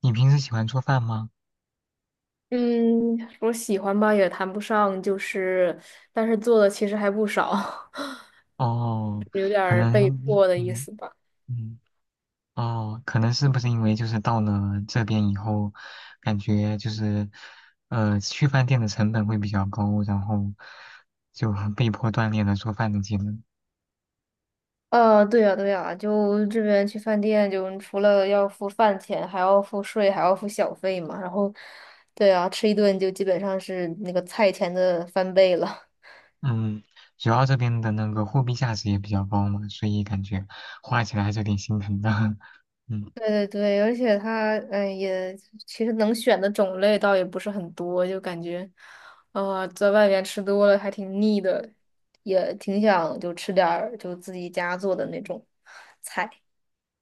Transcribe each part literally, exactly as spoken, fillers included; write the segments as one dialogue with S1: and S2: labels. S1: 你平时喜欢做饭吗？
S2: 嗯，我喜欢吧，也谈不上，就是，但是做的其实还不少，
S1: 哦，
S2: 有点
S1: 可
S2: 儿被
S1: 能你，
S2: 迫的意
S1: 嗯
S2: 思吧。
S1: 嗯，哦，可能是不是因为就是到了这边以后，感觉就是，呃，去饭店的成本会比较高，然后就很被迫锻炼了做饭的技能。
S2: 呃，对呀，对呀，就这边去饭店，就除了要付饭钱，还要付税，还要付小费嘛。然后，对啊，吃一顿就基本上是那个菜钱的翻倍了。
S1: 嗯，主要这边的那个货币价值也比较高嘛，所以感觉花起来还是有点心疼的。嗯。
S2: 对对对，而且它嗯也其实能选的种类倒也不是很多，就感觉，呃，在外面吃多了还挺腻的，也挺想就吃点儿就自己家做的那种菜。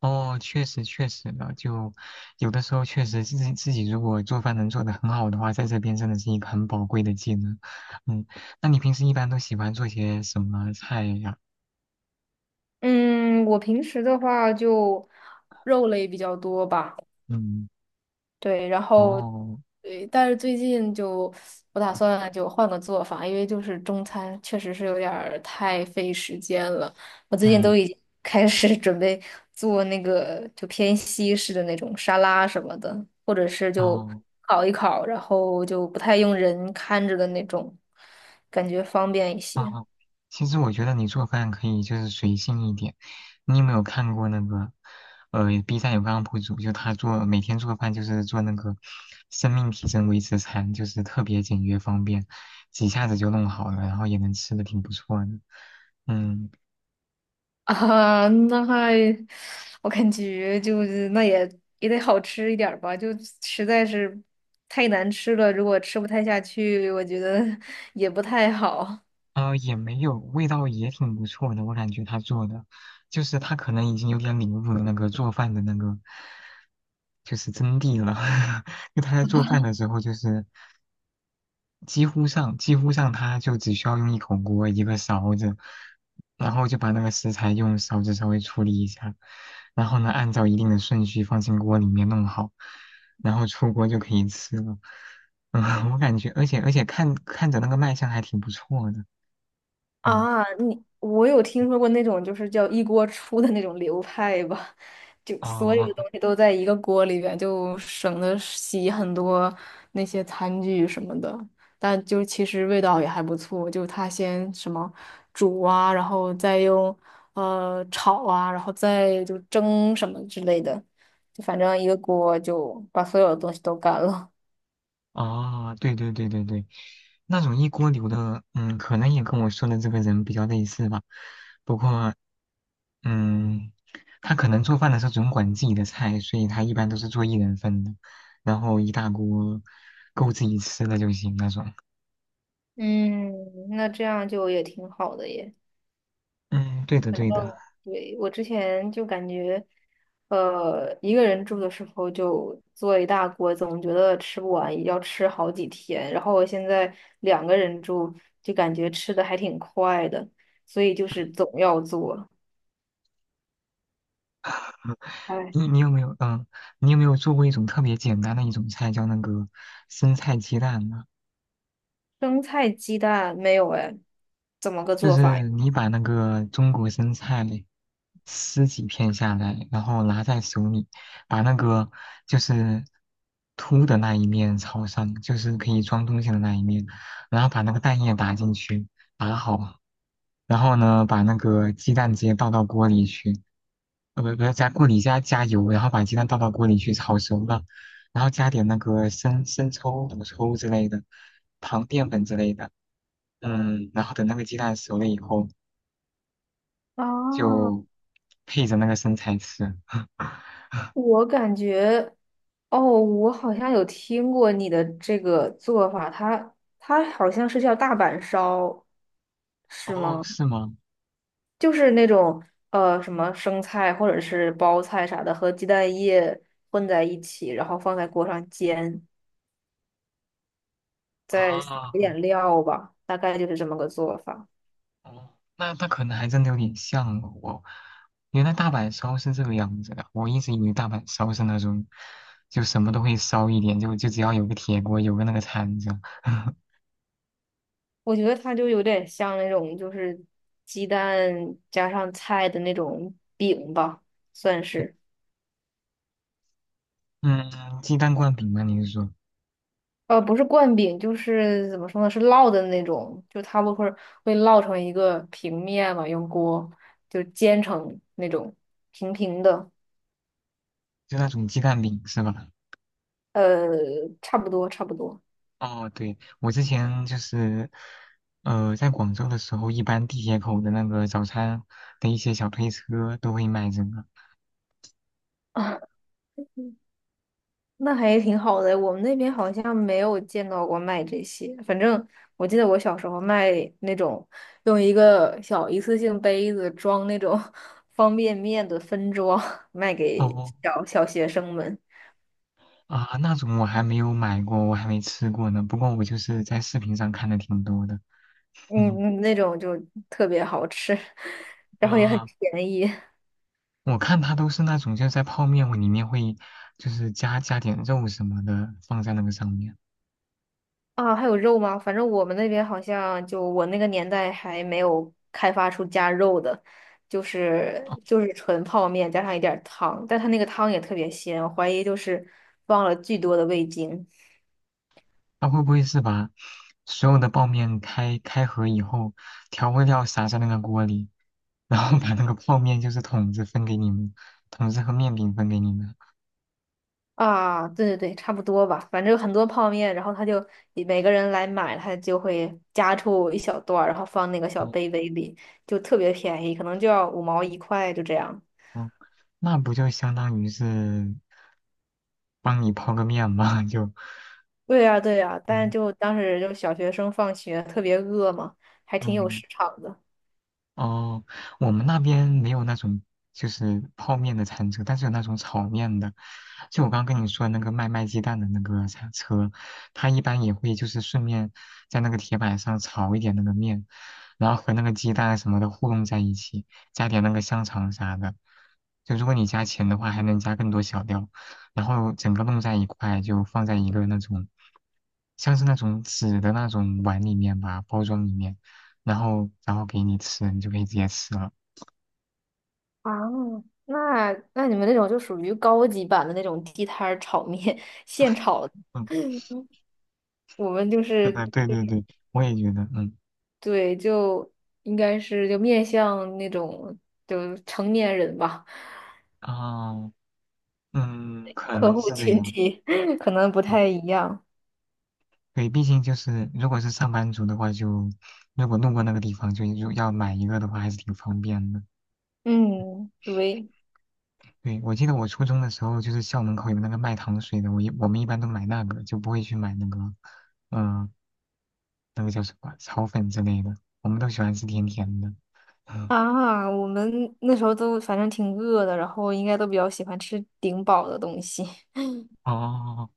S1: 哦，确实确实的，就有的时候确实自己自己如果做饭能做的很好的话，在这边真的是一个很宝贵的技能。嗯，那你平时一般都喜欢做些什么菜呀？
S2: 嗯，我平时的话就肉类比较多吧。
S1: 嗯，
S2: 对，然后
S1: 哦，
S2: 对，但是最近就我打算就换个做法，因为就是中餐确实是有点儿太费时间了。我最近都
S1: 嗯，
S2: 已经开始 准备做那个就偏西式的那种沙拉什么的，或者是就
S1: 哦。
S2: 烤一烤，然后就不太用人看着的那种，感觉方便一些。
S1: 啊，其实我觉得你做饭可以就是随性一点。你有没有看过那个，呃，B 站有个 U P 主，就他做每天做饭就是做那个生命体征维持餐，就是特别简约方便，几下子就弄好了，然后也能吃的挺不错的。嗯，
S2: 啊，那还，我感觉就是那也也得好吃一点儿吧，就实在是太难吃了，如果吃不太下去，我觉得 也不太好。
S1: 呃，也没有，味道也挺不错的，我感觉他做的，就是他可能已经有点领悟了那个做饭的那个，就是真谛了。就他在做饭的时候，就是几乎上几乎上它就只需要用一口锅一个勺子，然后就把那个食材用勺子稍微处理一下，然后呢按照一定的顺序放进锅里面弄好，然后出锅就可以吃了。嗯，我感觉，而且而且看看着那个卖相还挺不错的。嗯，
S2: 啊，你我有听说过那种就是叫一锅出的那种流派吧，就所有的东
S1: 哦，
S2: 西都在一个锅里边，就省得洗很多那些餐具什么的。但就其实味道也还不错，就他先什么煮啊，然后再用呃炒啊，然后再就蒸什么之类的，就反正一个锅就把所有的东西都干了。
S1: 哦，对对对对对，那种一锅流的，嗯，可能也跟我说的这个人比较类似吧。不过，嗯，他可能做饭的时候总管自己的菜，所以他一般都是做一人份的，然后一大锅够自己吃的就行那种。
S2: 嗯，那这样就也挺好的耶。
S1: 嗯，对的对的。
S2: 对，我之前就感觉，呃，一个人住的时候就做一大锅，总觉得吃不完，也要吃好几天。然后我现在两个人住，就感觉吃的还挺快的，所以就是总要做。哎，
S1: 你你有没有嗯，你有没有做过一种特别简单的一种菜，叫那个生菜鸡蛋呢？
S2: 生菜鸡蛋没有哎，怎么个
S1: 就
S2: 做法呀？
S1: 是你把那个中国生菜。撕几片下来，然后拿在手里，把那个就是凸的那一面朝上，就是可以装东西的那一面，然后把那个蛋液打进去，打好，然后呢，把那个鸡蛋直接倒到锅里去，呃，不不要加锅里加加油，然后把鸡蛋倒到锅里去炒熟了，然后加点那个生生抽、老抽之类的，糖、淀粉之类的。嗯，然后等那个鸡蛋熟了以后，
S2: 啊，
S1: 就配着那个生菜吃。
S2: 我感觉，哦，我好像有听过你的这个做法，它它好像是叫大阪烧，是
S1: 哦，
S2: 吗？
S1: 是吗？
S2: 就是那种呃什么生菜或者是包菜啥的，和鸡蛋液混在一起，然后放在锅上煎，再撒一
S1: 啊，
S2: 点料吧，大概就是这么个做法。
S1: 哦，那那可能还真的有点像哦我。原来大阪烧是这个样子的，我一直以为大阪烧是那种，就什么都会烧一点，就就只要有个铁锅，有个那个铲子。
S2: 我觉得它就有点像那种就是鸡蛋加上菜的那种饼吧，算是。
S1: 嗯，鸡蛋灌饼吗？你是说
S2: 呃，不是灌饼，就是怎么说呢，是烙的那种，就它不会会烙成一个平面嘛，用锅就煎成那种平平的。
S1: 就那种鸡蛋饼是吧？
S2: 呃，差不多，差不多。
S1: 哦，对，我之前就是，呃，在广州的时候，一般地铁口的那个早餐的一些小推车都会卖这个。
S2: 啊，那还挺好的。我们那边好像没有见到过卖这些。反正我记得我小时候卖那种用一个小一次性杯子装那种 方便面的分装，卖给
S1: 哦
S2: 小小学生们。
S1: 啊，那种我还没有买过，我还没吃过呢。不过我就是在视频上看的挺多的。
S2: 嗯，
S1: 嗯
S2: 嗯那种就特别好吃，然后也很
S1: 啊，
S2: 便宜。
S1: 我看它都是那种就是在泡面里面会就是加加点肉什么的放在那个上面。
S2: 啊，还有肉吗？反正我们那边好像就我那个年代还没有开发出加肉的，就
S1: 哦，
S2: 是就是纯泡面加上一点儿汤，但它那个汤也特别鲜，我怀疑就是放了巨多的味精
S1: 它会不会是把所有的泡面开开盒以后，调味料撒在那个锅里，然后把那个泡面就是桶子分给你们，桶子和面饼分给你们？
S2: 啊。对对对，差不多吧，反正很多泡面，然后他就每个人来买，他就会夹出一小段儿，然后放那个小
S1: 哦
S2: 杯杯里，就特别便宜，可能就要五毛一块，就这样。
S1: 哦，那不就相当于是帮你泡个面吗？就。
S2: 对呀，对呀，但
S1: 嗯
S2: 就当时就小学生放学特别饿嘛，还挺有
S1: 嗯，
S2: 市场的。
S1: 哦，我们那边没有那种就是泡面的餐车，但是有那种炒面的。就我刚跟你说的那个卖卖鸡蛋的那个餐车，它一般也会就是顺便在那个铁板上炒一点那个面，然后和那个鸡蛋什么的糊弄在一起，加点那个香肠啥的。就如果你加钱的话，还能加更多小料，然后整个弄在一块，就放在一个那种像是那种纸的那种碗里面吧，包装里面。然后然后给你吃，你就可以直接吃了。
S2: 啊，那那你们那种就属于高级版的那种地摊儿炒面，现炒的
S1: 嗯，
S2: 我们就 是
S1: 对对对，我也觉得，嗯，
S2: 对，就应该是就面向那种就成年人吧，
S1: 哦，嗯，可
S2: 客
S1: 能
S2: 户
S1: 是这
S2: 群
S1: 样。
S2: 体 可能不
S1: 对
S2: 太一样。
S1: 对，毕竟就是如果是上班族的话就，如果路过那个地方就就要买一个的话，还是挺方便的。
S2: 嗯，对
S1: 对，我记得我初中的时候，就是校门口有那个卖糖水的，我一我们一般都买那个，就不会去买那个，嗯、那个叫什么炒粉之类的，我们都喜欢吃甜甜的。嗯，
S2: 啊，我们那时候都反正挺饿的，然后应该都比较喜欢吃顶饱的东西。
S1: 哦。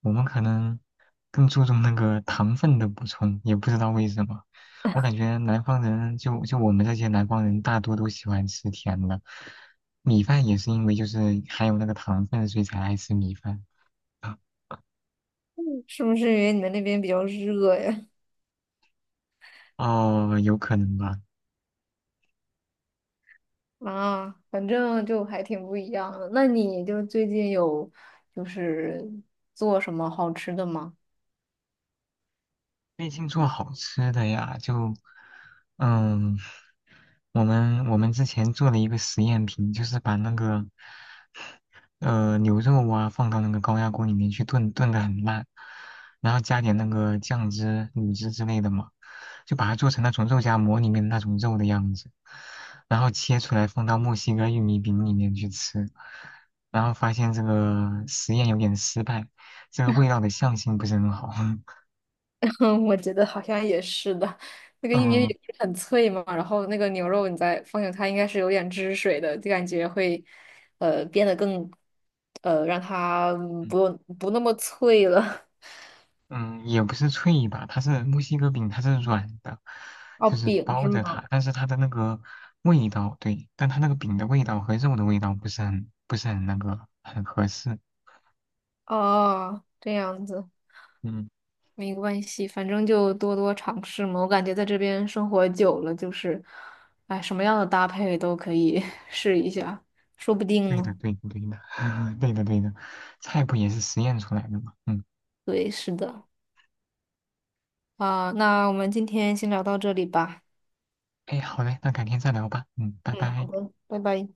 S1: 我们可能更注重那个糖分的补充，也不知道为什么。我感觉南方人就就我们这些南方人，大多都喜欢吃甜的。米饭也是因为就是含有那个糖分，所以才爱吃米饭。
S2: 是不是因为你们那边比较热呀？
S1: 哦，有可能吧。
S2: 啊，反正就还挺不一样的。那你就最近有就是做什么好吃的吗？
S1: 最近做好吃的呀，就，嗯，我们我们之前做了一个实验品，就是把那个，呃，牛肉啊放到那个高压锅里面去炖，炖得很烂，然后加点那个酱汁、卤汁之类的嘛，就把它做成那种肉夹馍里面那种肉的样子，然后切出来放到墨西哥玉米饼里面去吃，然后发现这个实验有点失败，这个味道的相性不是很好，
S2: 嗯我觉得好像也是的，那 个玉米
S1: 嗯。
S2: 饼不是很脆嘛，然后那个牛肉你再放进它应该是有点汁水的，就感觉会呃变得更呃让它嗯不用不那么脆了。
S1: 嗯，也不是脆吧，它是墨西哥饼，它是软的，
S2: 哦，
S1: 就是
S2: 饼
S1: 包
S2: 是
S1: 着
S2: 吗？
S1: 它，但是它的那个味道，对，但它那个饼的味道和肉的味道不是很不是很那个很合适。
S2: 哦，这样子。
S1: 嗯，
S2: 没关系，反正就多多尝试嘛。我感觉在这边生活久了，就是，哎，什么样的搭配都可以 试一下，说不定
S1: 对的，
S2: 呢。
S1: 对的，对的，对的，对的，菜谱也是实验出来的嘛。嗯，
S2: 对，是的。啊，那我们今天先聊到这里吧。
S1: 哎，好嘞，那改天再聊吧。嗯，拜
S2: 嗯，好
S1: 拜。
S2: 的，拜拜。